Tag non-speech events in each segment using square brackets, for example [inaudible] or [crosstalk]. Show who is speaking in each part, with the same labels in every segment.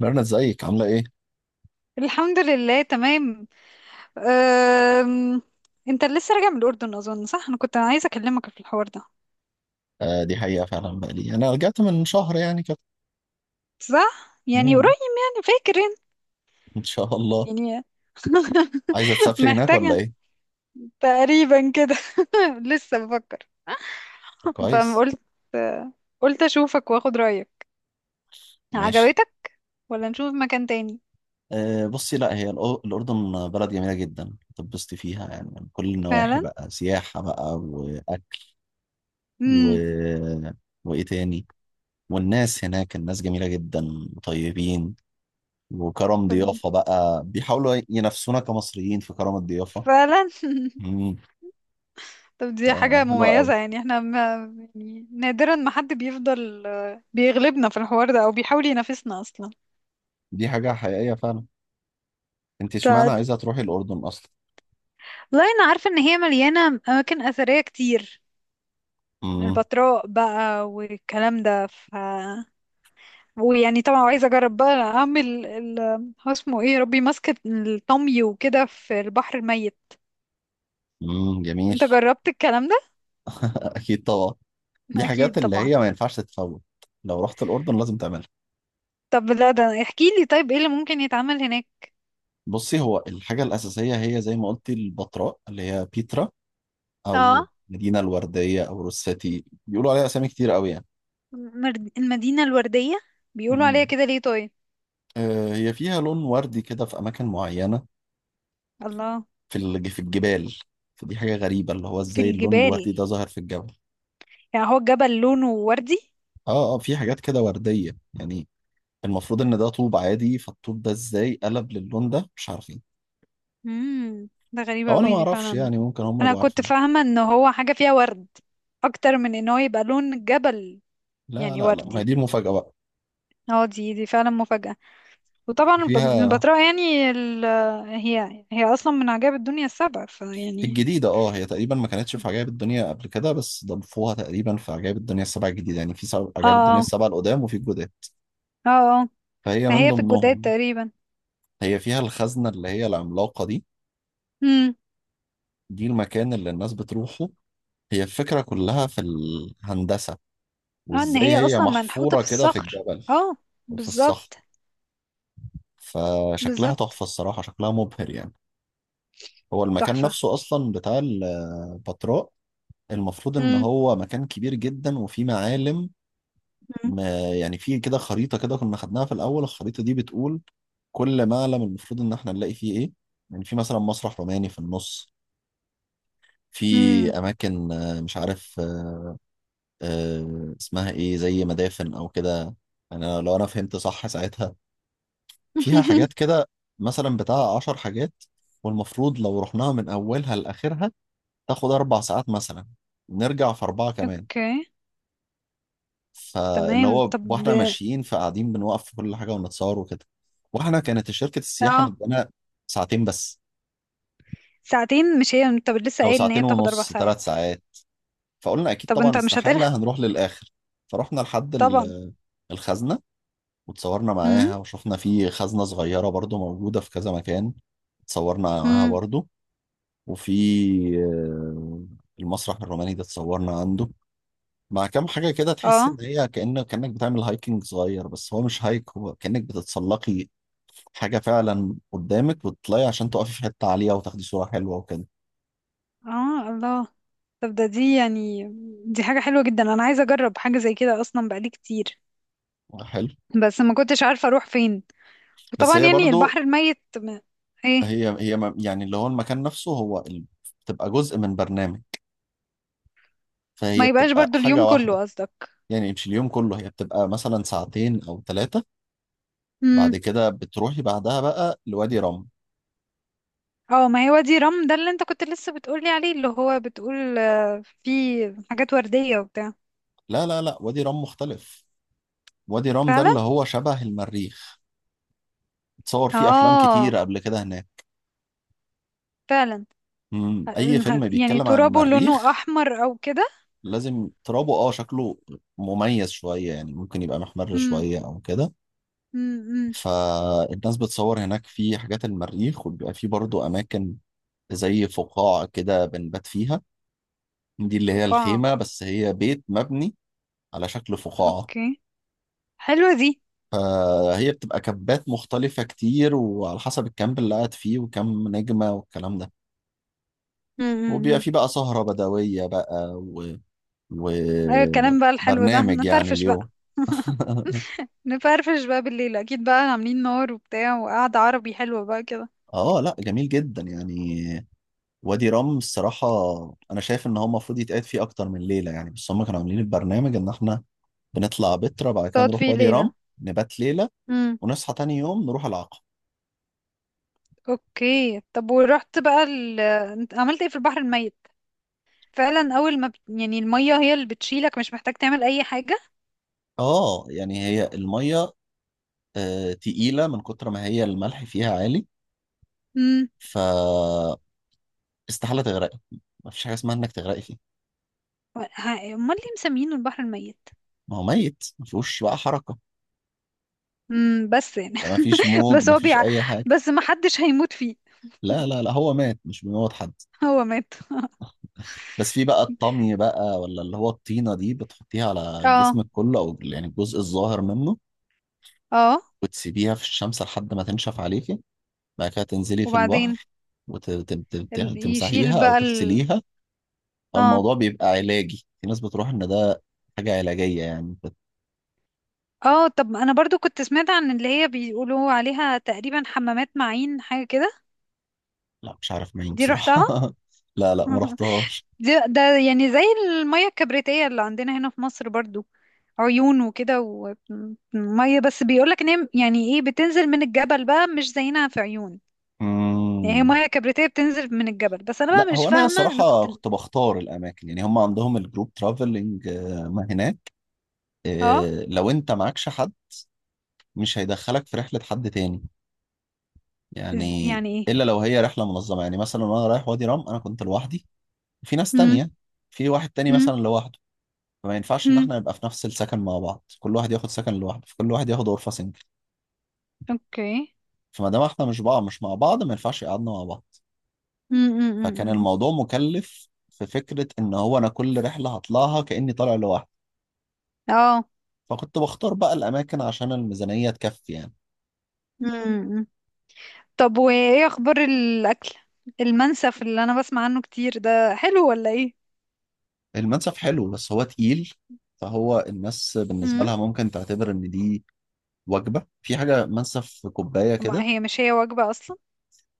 Speaker 1: ميرنا ازيك عاملة ايه؟
Speaker 2: الحمد لله تمام. أم... انت لسه راجع من الأردن أظن، صح؟ أنا كنت عايزة أكلمك في الحوار ده.
Speaker 1: آه، دي حقيقة فعلا بقى لي انا رجعت من شهر يعني كده.
Speaker 2: صح؟ يعني قريب،
Speaker 1: مم.
Speaker 2: يعني فاكر انت؟
Speaker 1: ان شاء الله.
Speaker 2: يعني.
Speaker 1: عايزة
Speaker 2: [laughs]
Speaker 1: تسافري هناك ولا
Speaker 2: محتاجة
Speaker 1: ايه؟
Speaker 2: تقريبا كده. [laughs] لسه بفكر.
Speaker 1: طب كويس.
Speaker 2: فقلت قلت أشوفك وأخد رأيك.
Speaker 1: ماشي.
Speaker 2: عجبتك ولا نشوف مكان تاني؟
Speaker 1: آه بصي، لا هي الأردن بلد جميلة جدا تتبسطي فيها، يعني من كل النواحي
Speaker 2: فعلا؟
Speaker 1: بقى، سياحة بقى وأكل و...
Speaker 2: امم.
Speaker 1: وإيه تاني، والناس هناك، الناس جميلة جدا وطيبين، وكرم ضيافة بقى بيحاولوا ينافسونا كمصريين في كرم الضيافة.
Speaker 2: فعلا.
Speaker 1: مم.
Speaker 2: طب دي
Speaker 1: آه،
Speaker 2: حاجة
Speaker 1: حلوة أوي.
Speaker 2: مميزة، يعني احنا ما... يعني نادرا ما حد بيفضل، بيغلبنا في الحوار ده أو بيحاول ينافسنا أصلا.
Speaker 1: دي حاجة حقيقية فعلا. انت اشمعنى
Speaker 2: بتاعت...
Speaker 1: عايزه تروحي الاردن اصلا؟
Speaker 2: لا انا عارفه ان هي مليانه اماكن اثريه كتير.
Speaker 1: امم.
Speaker 2: البتراء بقى والكلام ده، ف... ويعني طبعا عايزه اجرب بقى اعمل ال... هو اسمه ايه يا ربي، ماسكه الطمي وكده في البحر الميت.
Speaker 1: جميل.
Speaker 2: انت جربت الكلام ده؟
Speaker 1: [laughs] اكيد طبعا. دي
Speaker 2: اكيد
Speaker 1: حاجات اللي
Speaker 2: طبعا.
Speaker 1: هي ما ينفعش تتفوت. لو رحت الاردن لازم تعملها.
Speaker 2: طب لا، ده احكي لي طيب ايه اللي ممكن يتعمل هناك.
Speaker 1: بصي، هو الحاجه الاساسيه هي زي ما قلتي البتراء اللي هي بيترا، او
Speaker 2: اه.
Speaker 1: المدينه الورديه او روساتي، بيقولوا عليها اسامي كتير قوي يعني.
Speaker 2: المدينه الورديه، بيقولوا عليها
Speaker 1: امم.
Speaker 2: كده ليه طيب؟
Speaker 1: آه، هي فيها لون وردي كده في اماكن معينه،
Speaker 2: الله.
Speaker 1: في الجبال. فدي حاجه غريبه اللي هو
Speaker 2: في
Speaker 1: ازاي اللون
Speaker 2: الجبال.
Speaker 1: الوردي ده ظاهر في الجبل.
Speaker 2: يعني هو الجبل لونه وردي؟
Speaker 1: اه اه، في حاجات كده ورديه يعني. المفروض ان ده طوب عادي، فالطوب ده ازاي قلب للون ده مش عارفين.
Speaker 2: ده غريبة
Speaker 1: او انا
Speaker 2: قوي
Speaker 1: ما
Speaker 2: دي
Speaker 1: اعرفش،
Speaker 2: فعلا.
Speaker 1: يعني ممكن هم
Speaker 2: انا
Speaker 1: يبقوا
Speaker 2: كنت
Speaker 1: عارفين.
Speaker 2: فاهمة ان هو حاجة فيها ورد، اكتر من ان هو يبقى لون الجبل.
Speaker 1: لا
Speaker 2: يعني
Speaker 1: لا لا، ما هي
Speaker 2: وردي.
Speaker 1: دي المفاجأة بقى.
Speaker 2: اه، دي فعلا مفاجأة. وطبعا
Speaker 1: فيها
Speaker 2: البتراء، يعني ال... هي هي اصلا من عجائب الدنيا السبع، فيعني...
Speaker 1: الجديدة، هي تقريبا ما كانتش في عجائب الدنيا قبل كده، بس ضافوها تقريبا في عجائب الدنيا السبعة الجديدة، يعني في سبع عجائب الدنيا
Speaker 2: اه،
Speaker 1: السبعة القدام وفي الجداد،
Speaker 2: اه، اه.
Speaker 1: فهي من
Speaker 2: فهي في الجداد
Speaker 1: ضمنهم.
Speaker 2: تقريبا.
Speaker 1: هي فيها الخزنة اللي هي العملاقة دي.
Speaker 2: امم.
Speaker 1: دي المكان اللي الناس بتروحه. هي الفكرة كلها في الهندسة،
Speaker 2: اه، ان
Speaker 1: وازاي
Speaker 2: هي
Speaker 1: هي
Speaker 2: اصلا منحوتة
Speaker 1: محفورة
Speaker 2: في
Speaker 1: كده في
Speaker 2: الصخر.
Speaker 1: الجبل
Speaker 2: اه.
Speaker 1: وفي الصخر.
Speaker 2: بالظبط.
Speaker 1: فشكلها
Speaker 2: بالظبط.
Speaker 1: تحفة الصراحة، شكلها مبهر يعني. هو المكان
Speaker 2: تحفة.
Speaker 1: نفسه أصلا بتاع البتراء المفروض إن
Speaker 2: امم.
Speaker 1: هو مكان كبير جدا وفيه معالم. يعني فيه كده خريطة كده، كنا خدناها في الأول، الخريطة دي بتقول كل معلم المفروض إن إحنا نلاقي فيه إيه. يعني في مثلا مسرح روماني في النص، في
Speaker 2: امم.
Speaker 1: أماكن، مش عارف، اسمها إيه، زي مدافن أو كده، لو أنا فهمت صح ساعتها. فيها حاجات
Speaker 2: [laughs]
Speaker 1: كده، مثلا بتاع 10 حاجات، والمفروض لو رحناها من أولها لآخرها تاخد 4 ساعات مثلا، نرجع في 4 كمان.
Speaker 2: اوكي.
Speaker 1: فاللي
Speaker 2: تمام،
Speaker 1: هو،
Speaker 2: طب.
Speaker 1: واحنا ماشيين فقاعدين بنوقف في كل حاجة ونتصور وكده. واحنا كانت شركة السياحة
Speaker 2: اه.
Speaker 1: مدانا ساعتين بس،
Speaker 2: ساعتين؟ مش هي انت لسه
Speaker 1: أو
Speaker 2: قايل ان هي
Speaker 1: ساعتين
Speaker 2: بتاخد اربع
Speaker 1: ونص ثلاث
Speaker 2: ساعات؟
Speaker 1: ساعات فقلنا أكيد
Speaker 2: طب
Speaker 1: طبعا
Speaker 2: انت مش هتلحق.
Speaker 1: استحالة هنروح للآخر. فرحنا لحد
Speaker 2: طبعا.
Speaker 1: الخزنة، وتصورنا
Speaker 2: امم.
Speaker 1: معاها، وشفنا في خزنة صغيرة برضو موجودة في كذا مكان، اتصورنا معاها
Speaker 2: امم.
Speaker 1: برضو. وفي، آه، المسرح الروماني ده اتصورنا عنده، مع كام حاجة كده، تحس
Speaker 2: اه،
Speaker 1: إن هي كأنك بتعمل هايكنج صغير، بس هو مش هايك، هو كأنك بتتسلقي حاجة فعلا قدامك وتطلعي عشان تقفي في حتة عالية وتاخدي صورة حلوة وكده.
Speaker 2: اه، الله. طب ده دي يعني... دي حاجة حلوة جدا، انا عايزة اجرب حاجة زي كده اصلا بقالي كتير.
Speaker 1: حلو.
Speaker 2: بس ما كنتش عارفة اروح فين.
Speaker 1: بس
Speaker 2: وطبعا
Speaker 1: هي
Speaker 2: يعني
Speaker 1: برضو،
Speaker 2: البحر الميت ما... ايه.
Speaker 1: هي يعني اللي هو المكان نفسه هو بتبقى جزء من برنامج،
Speaker 2: ما
Speaker 1: فهي
Speaker 2: يبقاش
Speaker 1: بتبقى
Speaker 2: برضو اليوم
Speaker 1: حاجة
Speaker 2: كله
Speaker 1: واحدة.
Speaker 2: قصدك؟
Speaker 1: يعني مش اليوم كله، هي بتبقى مثلا ساعتين أو 3، بعد
Speaker 2: امم.
Speaker 1: كده بتروحي بعدها بقى لوادي رم.
Speaker 2: اه، ما هي وادي رم ده اللي انت كنت لسه بتقولي عليه، اللي هو بتقول فيه حاجات وردية وبتاع.
Speaker 1: لا لا لا، وادي رم مختلف. وادي رام ده
Speaker 2: فعلا.
Speaker 1: اللي هو شبه المريخ. اتصور فيه افلام
Speaker 2: اه،
Speaker 1: كتير قبل كده هناك.
Speaker 2: فعلا.
Speaker 1: مم. اي فيلم
Speaker 2: يعني
Speaker 1: بيتكلم عن
Speaker 2: ترابه لونه
Speaker 1: المريخ
Speaker 2: احمر او كده؟
Speaker 1: لازم ترابه، شكله مميز شوية يعني، ممكن يبقى محمر
Speaker 2: امم.
Speaker 1: شوية او كده.
Speaker 2: امم.
Speaker 1: فالناس بتصور هناك في حاجات المريخ، وبيبقى فيه برضو اماكن زي فقاعة كده بنبات فيها، دي اللي هي
Speaker 2: فقاعة.
Speaker 1: الخيمة، بس هي بيت مبني على شكل فقاعة.
Speaker 2: اوكي. حلوة دي.
Speaker 1: فهي بتبقى كبات مختلفة كتير، وعلى حسب الكامب اللي قاعد فيه وكم نجمة والكلام ده. وبيبقى
Speaker 2: امم.
Speaker 1: فيه بقى سهرة بدوية بقى
Speaker 2: ايوه، الكلام بقى الحلو ده
Speaker 1: وبرنامج يعني
Speaker 2: نفرفش بقى.
Speaker 1: اليوم.
Speaker 2: [laughs]
Speaker 1: [laughs]
Speaker 2: نفرفش بقى بالليل، اكيد بقى عاملين نار وبتاع، وقعدة عربي حلوة بقى كده.
Speaker 1: اه لا، جميل جدا يعني. وادي رام الصراحة، انا شايف ان هو المفروض يتقعد فيه اكتر من ليلة يعني، بس هم كانوا عاملين البرنامج ان احنا بنطلع بترا، بعد كده
Speaker 2: تقعد
Speaker 1: نروح
Speaker 2: فيه
Speaker 1: وادي
Speaker 2: ليلة؟
Speaker 1: رام نبات ليلة،
Speaker 2: امم.
Speaker 1: ونصحى تاني يوم نروح العقبة.
Speaker 2: اوكي، طب ورحت بقى ال... انت عملت ايه في البحر الميت؟ فعلا اول ما بت... يعني المية هي اللي بتشيلك، مش محتاج تعمل اي حاجة.
Speaker 1: اه، يعني هي المية تقيلة من كتر ما هي الملح فيها عالي،
Speaker 2: امم.
Speaker 1: ف استحالة تغرقي، مفيش حاجة اسمها انك تغرقي فيه.
Speaker 2: امال ليه مسمينه البحر الميت؟
Speaker 1: ما هو ميت، مفيهوش بقى حركة،
Speaker 2: امم، بس يعني.
Speaker 1: ما فيش موج،
Speaker 2: بس
Speaker 1: ما
Speaker 2: هو
Speaker 1: فيش
Speaker 2: بيع...
Speaker 1: اي حاجه.
Speaker 2: بس ما حدش هيموت فيه.
Speaker 1: لا لا لا، هو مات، مش بيموت حد.
Speaker 2: هو مات؟
Speaker 1: بس في بقى الطمي بقى، ولا اللي هو الطينه دي بتحطيها على
Speaker 2: اه.
Speaker 1: جسمك كله او يعني الجزء الظاهر منه،
Speaker 2: اه.
Speaker 1: وتسيبيها في الشمس لحد ما تنشف عليكي، بعد كده تنزلي في
Speaker 2: وبعدين
Speaker 1: البحر
Speaker 2: ال... يشيل
Speaker 1: وتمسحيها او
Speaker 2: بقى ال...
Speaker 1: تغسليها.
Speaker 2: اه.
Speaker 1: الموضوع بيبقى علاجي، في ناس بتروح ان ده حاجه علاجيه، يعني
Speaker 2: اه. طب انا برضو كنت سمعت عن اللي هي بيقولوا عليها تقريبا حمامات معين، حاجة كده.
Speaker 1: لا مش عارف مين
Speaker 2: دي
Speaker 1: بصراحه.
Speaker 2: رحتها؟
Speaker 1: [laughs] لا لا، ما
Speaker 2: [laughs]
Speaker 1: رحتهاش.
Speaker 2: دي ده، يعني زي المية الكبريتية اللي عندنا هنا في مصر برضو، عيون وكده ومية، بس بيقولك ان هي يعني ايه، بتنزل من الجبل بقى، مش زينا في عيون. يعني هي
Speaker 1: مم.
Speaker 2: مية كبريتية بتنزل من الجبل، بس انا
Speaker 1: لا
Speaker 2: بقى مش
Speaker 1: هو انا
Speaker 2: فاهمة، انا
Speaker 1: صراحه
Speaker 2: كنت...
Speaker 1: كنت بختار الاماكن، يعني هم عندهم الجروب ترافلنج ما هناك،
Speaker 2: اه.
Speaker 1: لو انت معكش حد مش هيدخلك في رحله حد تاني، يعني
Speaker 2: يعني
Speaker 1: الا
Speaker 2: ايه؟
Speaker 1: لو هي رحله منظمه، يعني مثلا وانا رايح وادي رام انا كنت لوحدي، في ناس
Speaker 2: مم.
Speaker 1: تانية، في واحد تاني
Speaker 2: مم.
Speaker 1: مثلا لوحده، فما ينفعش ان
Speaker 2: مم.
Speaker 1: احنا نبقى في نفس السكن مع بعض، كل واحد ياخد سكن لوحده، فكل واحد ياخد غرفه سنجل.
Speaker 2: اوكي.
Speaker 1: فما دام احنا مش بعض، مش مع بعض، ما ينفعش يقعدنا مع بعض،
Speaker 2: مم. مم. مم.
Speaker 1: فكان
Speaker 2: مم.
Speaker 1: الموضوع مكلف في فكره ان هو انا كل رحله هطلعها كاني طالع لوحدي،
Speaker 2: اه.
Speaker 1: فكنت بختار بقى الأماكن عشان الميزانية تكفي يعني.
Speaker 2: مم. مم. طب وايه اخبار الاكل؟ المنسف اللي انا بسمع عنه كتير ده حلو ولا ايه؟
Speaker 1: المنسف حلو بس هو تقيل، فهو الناس بالنسبة
Speaker 2: مم.
Speaker 1: لها ممكن تعتبر إن دي وجبة، في حاجة منسف في كوباية
Speaker 2: ما
Speaker 1: كده.
Speaker 2: هي مش هي وجبة اصلا؟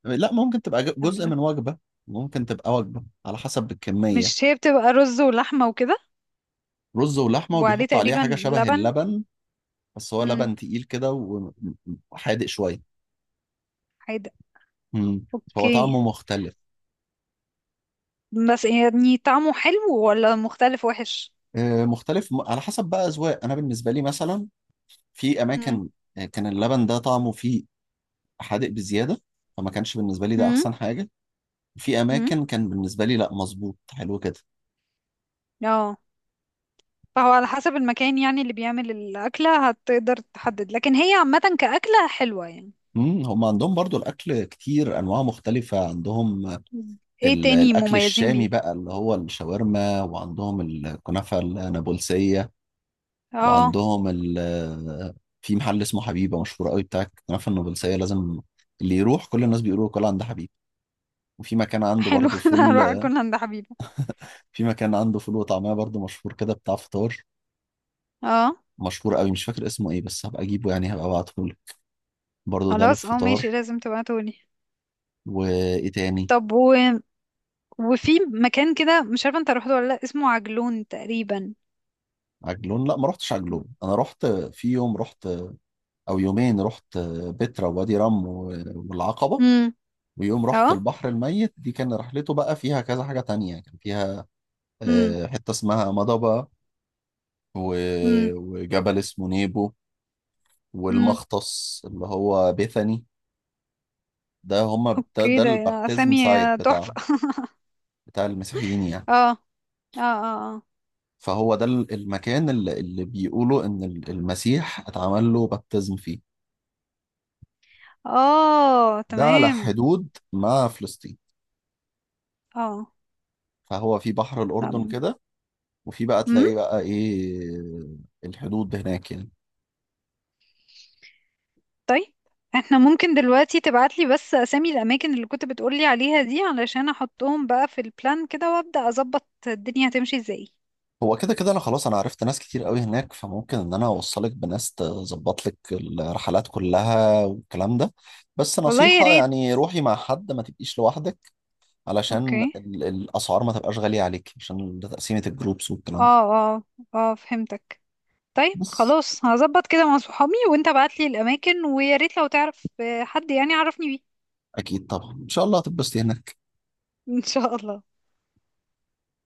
Speaker 1: لا ممكن تبقى جزء من وجبة، ممكن تبقى وجبة على حسب الكمية.
Speaker 2: مش هي بتبقى رز ولحمة وكده؟
Speaker 1: رز ولحمة
Speaker 2: وعليه
Speaker 1: وبيحط عليها حاجة
Speaker 2: تقريبا
Speaker 1: شبه
Speaker 2: لبن.
Speaker 1: اللبن، بس هو
Speaker 2: مم.
Speaker 1: لبن تقيل كده وحادق شوية.
Speaker 2: حاجة.
Speaker 1: مم. فهو
Speaker 2: اوكي.
Speaker 1: طعمه مختلف.
Speaker 2: بس يعني طعمه حلو ولا مختلف وحش؟
Speaker 1: مختلف على حسب بقى أذواق، أنا بالنسبة لي مثلا في
Speaker 2: مم.
Speaker 1: أماكن كان اللبن ده طعمه فيه حادق بزيادة، فما كانش بالنسبة لي ده
Speaker 2: مم.
Speaker 1: أحسن حاجة. في
Speaker 2: مم.
Speaker 1: أماكن كان بالنسبة لي لأ، مظبوط حلو كده.
Speaker 2: اه، فهو على حسب المكان يعني، اللي بيعمل الأكلة هتقدر تحدد، لكن هي عامة كأكلة حلوة يعني.
Speaker 1: امم، هم عندهم برضو الأكل كتير أنواع مختلفة عندهم.
Speaker 2: مم. ايه تاني
Speaker 1: الأكل
Speaker 2: مميزين
Speaker 1: الشامي
Speaker 2: بيه؟
Speaker 1: بقى اللي هو الشاورما، وعندهم الكنافة النابلسية،
Speaker 2: اه.
Speaker 1: وعندهم في محل اسمه حبيبة مشهور قوي بتاع الكنافة النابلسية، لازم اللي يروح كل الناس بيقولوا كل عند حبيبة. وفي مكان عنده
Speaker 2: حلو.
Speaker 1: برضو
Speaker 2: [laughs] انا
Speaker 1: فول،
Speaker 2: هروح اكل عند حبيبة.
Speaker 1: في مكان عنده فول وطعمية برضو مشهور كده بتاع فطار،
Speaker 2: اه،
Speaker 1: مشهور قوي مش فاكر اسمه ايه، بس هبقى اجيبه يعني، هبقى ابعته برضه ده
Speaker 2: خلاص. اه، ماشي،
Speaker 1: للفطار.
Speaker 2: لازم تبعتولي.
Speaker 1: وايه تاني؟
Speaker 2: طب و... وفي مكان كده مش عارفة انت رحت ولا لا، اسمه عجلون تقريبا.
Speaker 1: عجلون لا ما رحتش عجلون، انا رحت في يوم رحت او يومين، رحت بترا ووادي رم والعقبة.
Speaker 2: امم.
Speaker 1: ويوم رحت
Speaker 2: اه.
Speaker 1: البحر الميت دي، كان رحلته بقى فيها كذا حاجة تانية، كان فيها
Speaker 2: امم.
Speaker 1: حتة اسمها مضبة،
Speaker 2: امم.
Speaker 1: وجبل اسمه نيبو،
Speaker 2: امم.
Speaker 1: والمختص اللي هو بيثاني. ده هما ده,
Speaker 2: اوكي
Speaker 1: ده
Speaker 2: ده.
Speaker 1: البابتزم
Speaker 2: اسامي
Speaker 1: سايت، بتاع
Speaker 2: تحفة. [laughs]
Speaker 1: بتاع المسيحيين يعني.
Speaker 2: اه. اه. اه،
Speaker 1: فهو ده المكان اللي بيقولوا ان المسيح اتعمل له بابتزم فيه.
Speaker 2: اه، آه،
Speaker 1: ده على
Speaker 2: تمام.
Speaker 1: حدود مع فلسطين،
Speaker 2: اه.
Speaker 1: فهو في بحر الأردن
Speaker 2: نعم.
Speaker 1: كده، وفي بقى تلاقي بقى إيه الحدود هناك يعني.
Speaker 2: طيب. احنا ممكن دلوقتي تبعتلي بس اسامي الاماكن اللي كنت بتقولي عليها دي، علشان احطهم بقى في البلان كده وابدا اظبط الدنيا هتمشي ازاي.
Speaker 1: هو كده كده، أنا خلاص أنا عرفت ناس كتير قوي هناك، فممكن إن أنا أوصلك بناس تظبط لك الرحلات كلها والكلام ده. بس
Speaker 2: والله يا
Speaker 1: نصيحة
Speaker 2: ريت.
Speaker 1: يعني روحي مع حد، ما تبقيش لوحدك،
Speaker 2: اوكي.
Speaker 1: علشان الأسعار ما تبقاش غالية عليك، عشان ده تقسيمة الجروبس والكلام ده.
Speaker 2: اه. اه. اه، فهمتك. طيب،
Speaker 1: بس
Speaker 2: خلاص، هظبط كده مع صحابي، وانت ابعتلي الاماكن، ويا ريت لو تعرف حد يعني، عرفني بيه.
Speaker 1: أكيد طبعا إن شاء الله هتتبسطي هناك.
Speaker 2: [laughs] ان شاء الله.